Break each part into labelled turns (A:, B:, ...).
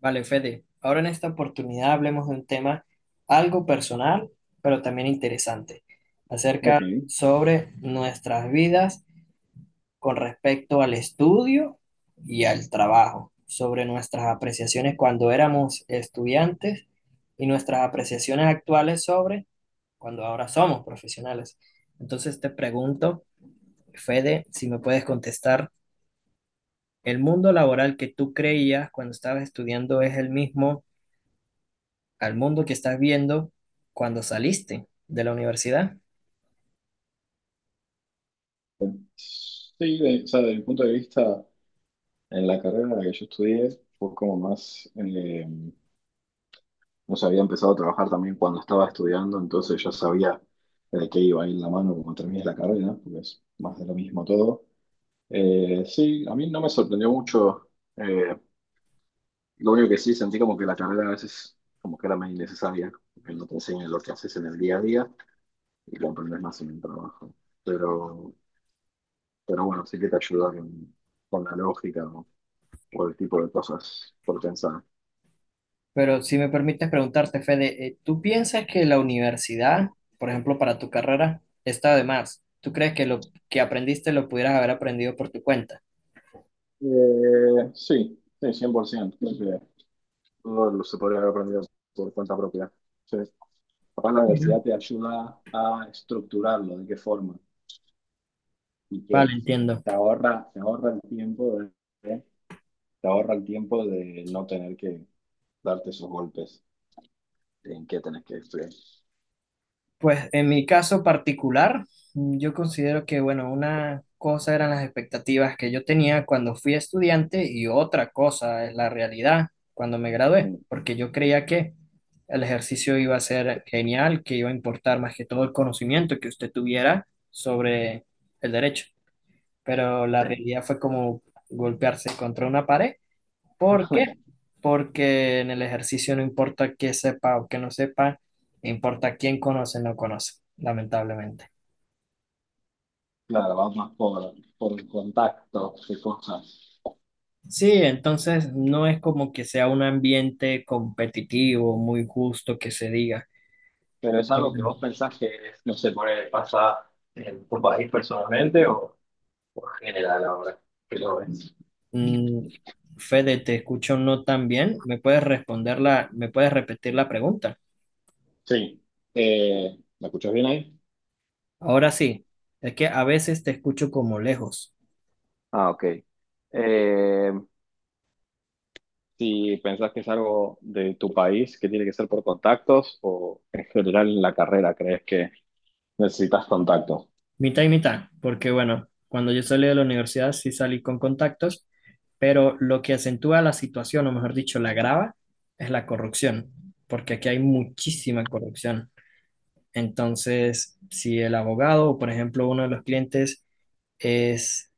A: Vale, Fede, ahora en esta oportunidad hablemos de un tema algo personal, pero también interesante, acerca
B: Ok.
A: sobre nuestras vidas con respecto al estudio y al trabajo, sobre nuestras apreciaciones cuando éramos estudiantes y nuestras apreciaciones actuales sobre cuando ahora somos profesionales. Entonces te pregunto, Fede, si me puedes contestar, ¿el mundo laboral que tú creías cuando estabas estudiando es el mismo al mundo que estás viendo cuando saliste de la universidad?
B: Sí, desde mi punto de vista, en la carrera en la que yo estudié, fue como más, no sé, había empezado a trabajar también cuando estaba estudiando, entonces ya sabía de qué iba a ir la mano cuando terminé la carrera, porque es más de lo mismo todo. Sí, a mí no me sorprendió mucho, eh, lo único que sí sentí como que la carrera a veces como que era más innecesaria, porque no te enseñan lo que haces en el día a día y lo aprendes más en el trabajo. Pero, pero bueno, sí que te ayuda con la lógica, ¿no? Por el tipo de cosas por pensar.
A: Pero si me permites preguntarte, Fede, ¿tú piensas que la universidad, por ejemplo, para tu carrera, está de más? ¿Tú crees que lo que aprendiste lo pudieras haber aprendido por tu cuenta?
B: Sí, 100%. Creo que todo lo se podría haber aprendido por cuenta propia. Sí. Capaz la
A: Mira.
B: universidad te ayuda a estructurarlo, de qué forma y
A: Vale,
B: qué.
A: entiendo.
B: Te ahorra el tiempo de te ahorra el tiempo de no tener que darte esos golpes. ¿En qué tenés que estudiar?
A: Pues en mi caso particular, yo considero que, bueno, una cosa eran las expectativas que yo tenía cuando fui estudiante y otra cosa es la realidad cuando me gradué,
B: Mm.
A: porque yo creía que el ejercicio iba a ser genial, que iba a importar más que todo el conocimiento que usted tuviera sobre el derecho, pero la
B: Sí.
A: realidad fue como golpearse contra una pared. ¿Por qué? Porque en el ejercicio no importa qué sepa o qué no sepa, importa quién conoce o no conoce, lamentablemente.
B: Claro, vamos más por el contacto de cosas.
A: Sí, entonces no es como que sea un ambiente competitivo, muy justo que se diga.
B: Pero es
A: Pero
B: algo que
A: bueno,
B: vos pensás que, no sé, por ahí pasa en tu país personalmente o en general ahora que lo ves.
A: mm, Fede, te escucho no tan bien. ¿Me puedes responder la, me puedes repetir la pregunta?
B: Sí. ¿Me escuchas bien ahí?
A: Ahora sí, es que a veces te escucho como lejos.
B: Ah, ok. Eh, Si pensás que es algo de tu país que tiene que ser por contactos o en general en la carrera crees que necesitas contactos.
A: Mitad y mitad, porque bueno, cuando yo salí de la universidad sí salí con contactos, pero lo que acentúa la situación, o mejor dicho, la agrava, es la corrupción, porque aquí hay muchísima corrupción. Entonces, si el abogado, o por ejemplo, uno de los clientes es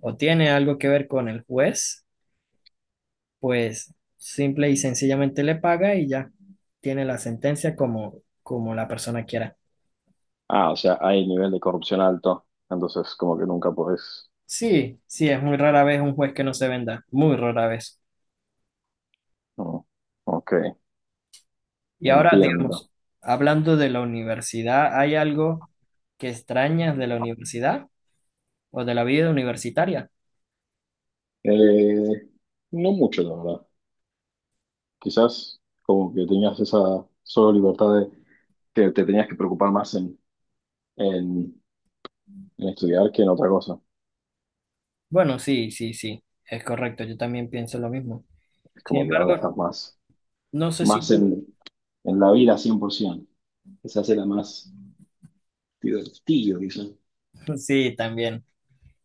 A: o tiene algo que ver con el juez, pues simple y sencillamente le paga y ya tiene la sentencia como, como la persona quiera.
B: Ah, o sea, hay nivel de corrupción alto, entonces como que nunca podés.
A: Sí, sí, es muy rara vez un juez que no se venda, muy rara vez.
B: No. Ok,
A: Y ahora,
B: entiendo.
A: digamos, hablando de la universidad, ¿hay algo que extrañas de la universidad o de la vida universitaria?
B: Eh, no mucho, la verdad. Quizás como que tenías esa solo libertad de que te tenías que preocupar más en, en estudiar que en otra cosa.
A: Bueno, sí, sí, sí, es correcto, yo también pienso lo mismo.
B: Es
A: Sin
B: como que ahora estás
A: embargo,
B: más,
A: no sé si
B: más
A: tú,
B: en la vida 100%. Quizás era más divertido, quizás.
A: sí, también,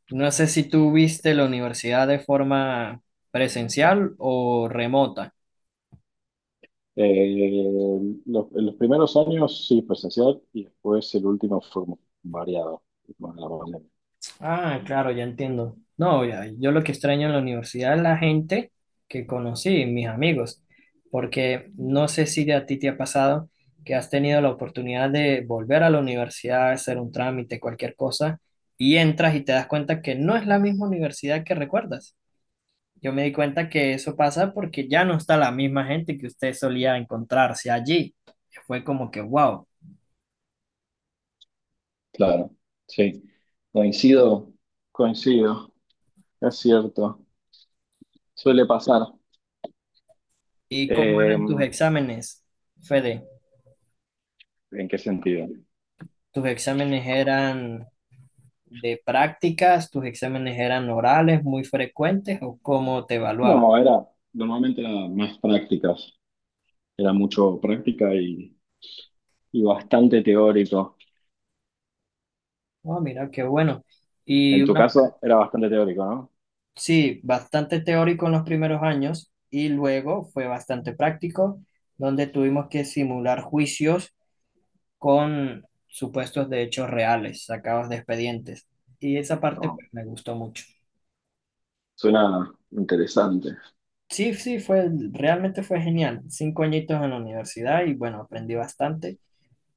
A: no sé si tú viste la universidad de forma presencial o remota.
B: Eh, en los primeros años sí, presencial, y después el último fue como variado con la pandemia.
A: Ah, claro, ya entiendo. No, ya, yo lo que extraño en la universidad es la gente que conocí, mis amigos, porque no sé si a ti te ha pasado que has tenido la oportunidad de volver a la universidad, hacer un trámite, cualquier cosa, y entras y te das cuenta que no es la misma universidad que recuerdas. Yo me di cuenta que eso pasa porque ya no está la misma gente que usted solía encontrarse allí. Fue como que, wow.
B: Claro, sí. Coincido, coincido, es cierto. Suele pasar.
A: ¿Y cómo
B: Eh,
A: eran tus exámenes, Fede?
B: ¿En qué sentido?
A: ¿Tus exámenes eran de prácticas, tus exámenes eran orales muy frecuentes o cómo te evaluaban?
B: No, era, normalmente era más prácticas. Era mucho práctica y bastante teórico.
A: Oh, mira, qué bueno. Y
B: En tu
A: una,
B: caso, era bastante teórico, ¿no?
A: sí, bastante teórico en los primeros años y luego fue bastante práctico, donde tuvimos que simular juicios con supuestos de hechos reales, sacados de expedientes. Y esa parte
B: No,
A: pues, me gustó mucho.
B: suena interesante.
A: Sí, sí, fue, realmente fue genial. Cinco añitos en la universidad y bueno, aprendí bastante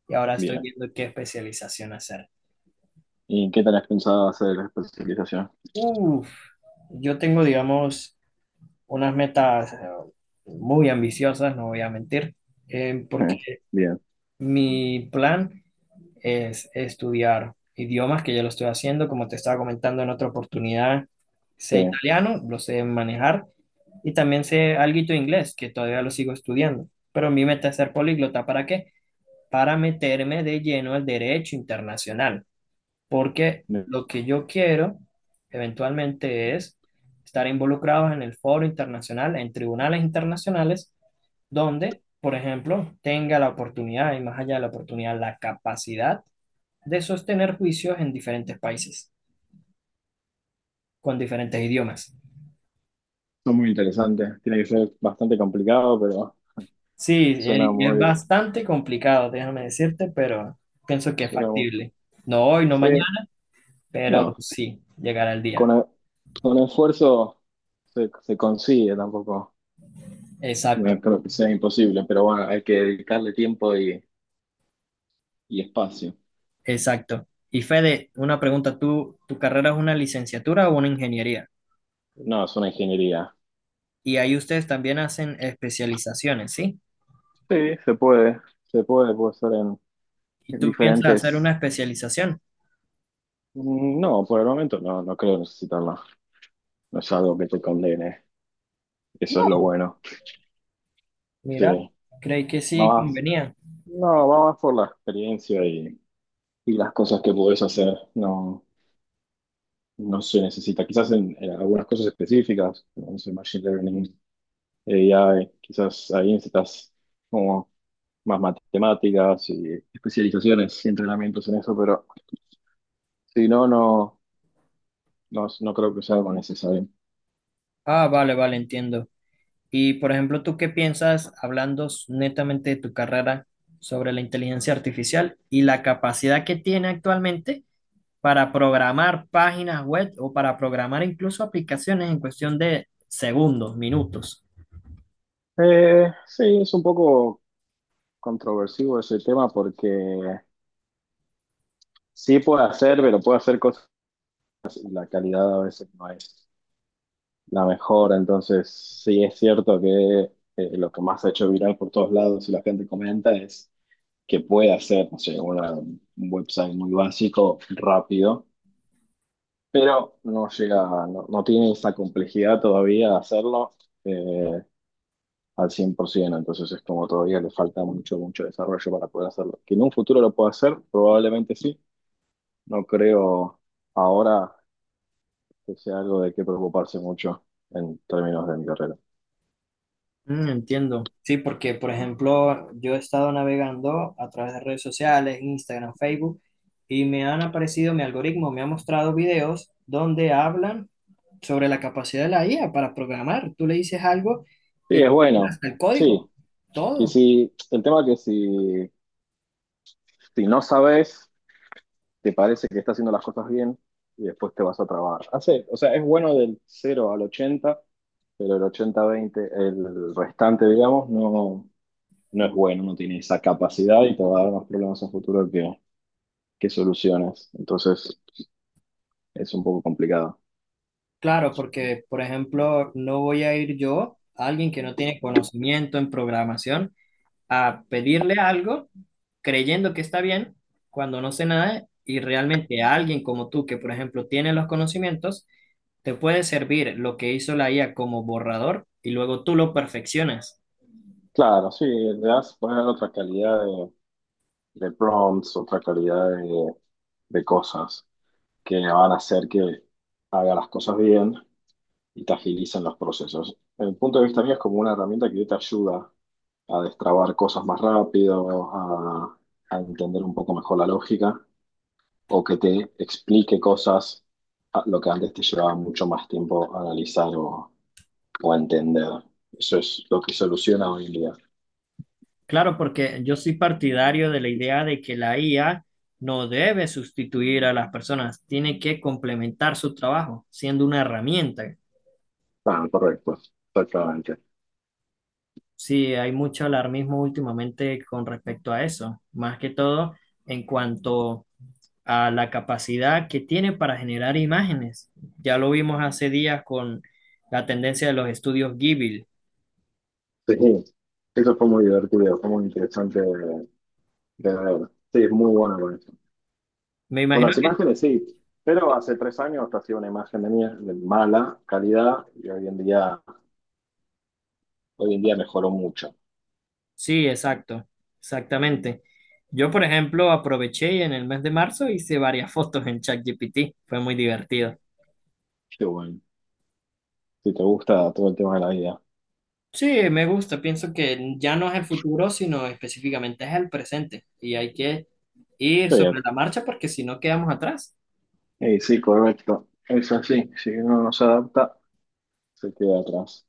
A: y ahora estoy
B: Bien.
A: viendo qué especialización hacer.
B: ¿Y qué tenés pensado hacer la especialización?
A: Uf, yo tengo, digamos, unas metas muy ambiciosas, no voy a mentir, porque
B: Eh, Bien,
A: mi plan es estudiar idiomas, que ya lo estoy haciendo, como te estaba comentando en otra oportunidad,
B: sí.
A: sé italiano, lo sé manejar, y también sé alguito de inglés, que todavía lo sigo estudiando, pero mi meta es ser políglota. ¿Para qué? Para meterme de lleno al derecho internacional, porque lo que yo quiero eventualmente es estar involucrados en el foro internacional, en tribunales internacionales, donde, por ejemplo, tenga la oportunidad y más allá de la oportunidad, la capacidad de sostener juicios en diferentes países, con diferentes idiomas.
B: Son muy interesantes. Tiene que ser bastante complicado, pero
A: Sí,
B: suena
A: y es
B: muy,
A: bastante complicado, déjame decirte, pero pienso que es
B: suena muy.
A: factible. No hoy, no
B: Sí,
A: mañana, pero
B: no,
A: sí, llegará el
B: con,
A: día.
B: e- con esfuerzo se, se consigue tampoco.
A: Exacto.
B: No creo que sea imposible, pero bueno, hay que dedicarle tiempo y espacio.
A: Exacto. Y Fede, una pregunta, ¿tú, tu carrera es una licenciatura o una ingeniería?
B: No, es una ingeniería.
A: Y ahí ustedes también hacen especializaciones, ¿sí?
B: Sí, se puede, puede ser
A: ¿Y
B: en
A: tú piensas hacer
B: diferentes...
A: una especialización?
B: No, por el momento no, no creo necesitarla. No es algo que te condene, eso es lo bueno. Sí,
A: Mira, creí que
B: va
A: sí
B: más,
A: convenía.
B: no, va más por la experiencia y las cosas que puedes hacer. No, no se necesita. Quizás en algunas cosas específicas, como no sé, Machine Learning, AI, quizás ahí necesitas como más matemáticas y especializaciones y entrenamientos en eso, pero si no, no creo que sea algo necesario.
A: Ah, vale, vale, entiendo. Y por ejemplo, ¿tú qué piensas, hablando netamente de tu carrera, sobre la inteligencia artificial y la capacidad que tiene actualmente para programar páginas web o para programar incluso aplicaciones en cuestión de segundos, minutos?
B: Sí, es un poco controversivo ese tema porque sí puede hacer, pero puede hacer cosas y la calidad a veces no es la mejor, entonces sí es cierto que lo que más se ha hecho viral por todos lados y la gente comenta es que puede hacer, no sé, un website muy básico, rápido, pero no llega, no tiene esa complejidad todavía de hacerlo eh, al 100%, entonces es como todavía le falta mucho, mucho desarrollo para poder hacerlo. Que en un futuro lo pueda hacer, probablemente sí, no creo ahora que sea algo de qué preocuparse mucho en términos de mi carrera.
A: Mm, entiendo. Sí, porque, por ejemplo, yo he estado navegando a través de redes sociales, Instagram, Facebook, y me han aparecido, mi algoritmo me ha mostrado videos donde hablan sobre la capacidad de la IA para programar. Tú le dices algo
B: Sí,
A: y
B: es
A: tiene
B: bueno,
A: hasta el código,
B: sí, que
A: todo.
B: si, el tema es que si, si no sabes te parece que está haciendo las cosas bien y después te vas a trabajar. Hace, o sea, es bueno del cero al ochenta, pero el ochenta veinte, el restante, digamos, no, no es bueno, no tiene esa capacidad y te va a dar más problemas en futuro que soluciones. Entonces, es un poco complicado.
A: Claro, porque, por ejemplo, no voy a ir yo, alguien que no tiene conocimiento en programación, a pedirle algo creyendo que está bien cuando no sé nada, y realmente a alguien como tú que por ejemplo tiene los conocimientos te puede servir lo que hizo la IA como borrador y luego tú lo perfeccionas.
B: Claro, sí, le das poner otra calidad de prompts, otra calidad de cosas que van a hacer que haga las cosas bien y te agilizan los procesos. En el punto de vista mío es como una herramienta que te ayuda a destrabar cosas más rápido, a entender un poco mejor la lógica o que te explique cosas, lo que antes te llevaba mucho más tiempo a analizar o a entender. Eso es lo que soluciona hoy en día.
A: Claro, porque yo soy partidario de la idea de que la IA no debe sustituir a las personas, tiene que complementar su trabajo siendo una herramienta.
B: Ah, correcto, exactamente.
A: Sí, hay mucho alarmismo últimamente con respecto a eso, más que todo en cuanto a la capacidad que tiene para generar imágenes. Ya lo vimos hace días con la tendencia de los estudios Ghibli.
B: Sí, eso fue muy divertido, fue muy interesante de ver. Sí, es muy bueno.
A: Me
B: Con
A: imagino
B: las
A: que...
B: imágenes sí, pero hace 3 años hacía una imagen de mía de mala calidad y hoy en día mejoró mucho.
A: Sí, exacto, exactamente. Yo, por ejemplo, aproveché en el mes de marzo, hice varias fotos en ChatGPT. Fue muy divertido.
B: Qué bueno. Si te gusta todo el tema de la vida.
A: Sí, me gusta. Pienso que ya no es el futuro, sino específicamente es el presente. Y hay que ir
B: Sí,
A: sobre la marcha porque si no quedamos atrás.
B: Sí, correcto. Es así. Si uno no se adapta, se queda atrás.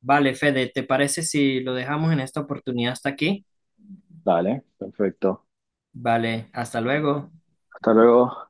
A: Vale, Fede, ¿te parece si lo dejamos en esta oportunidad hasta aquí?
B: Dale, perfecto.
A: Vale, hasta luego.
B: Hasta luego.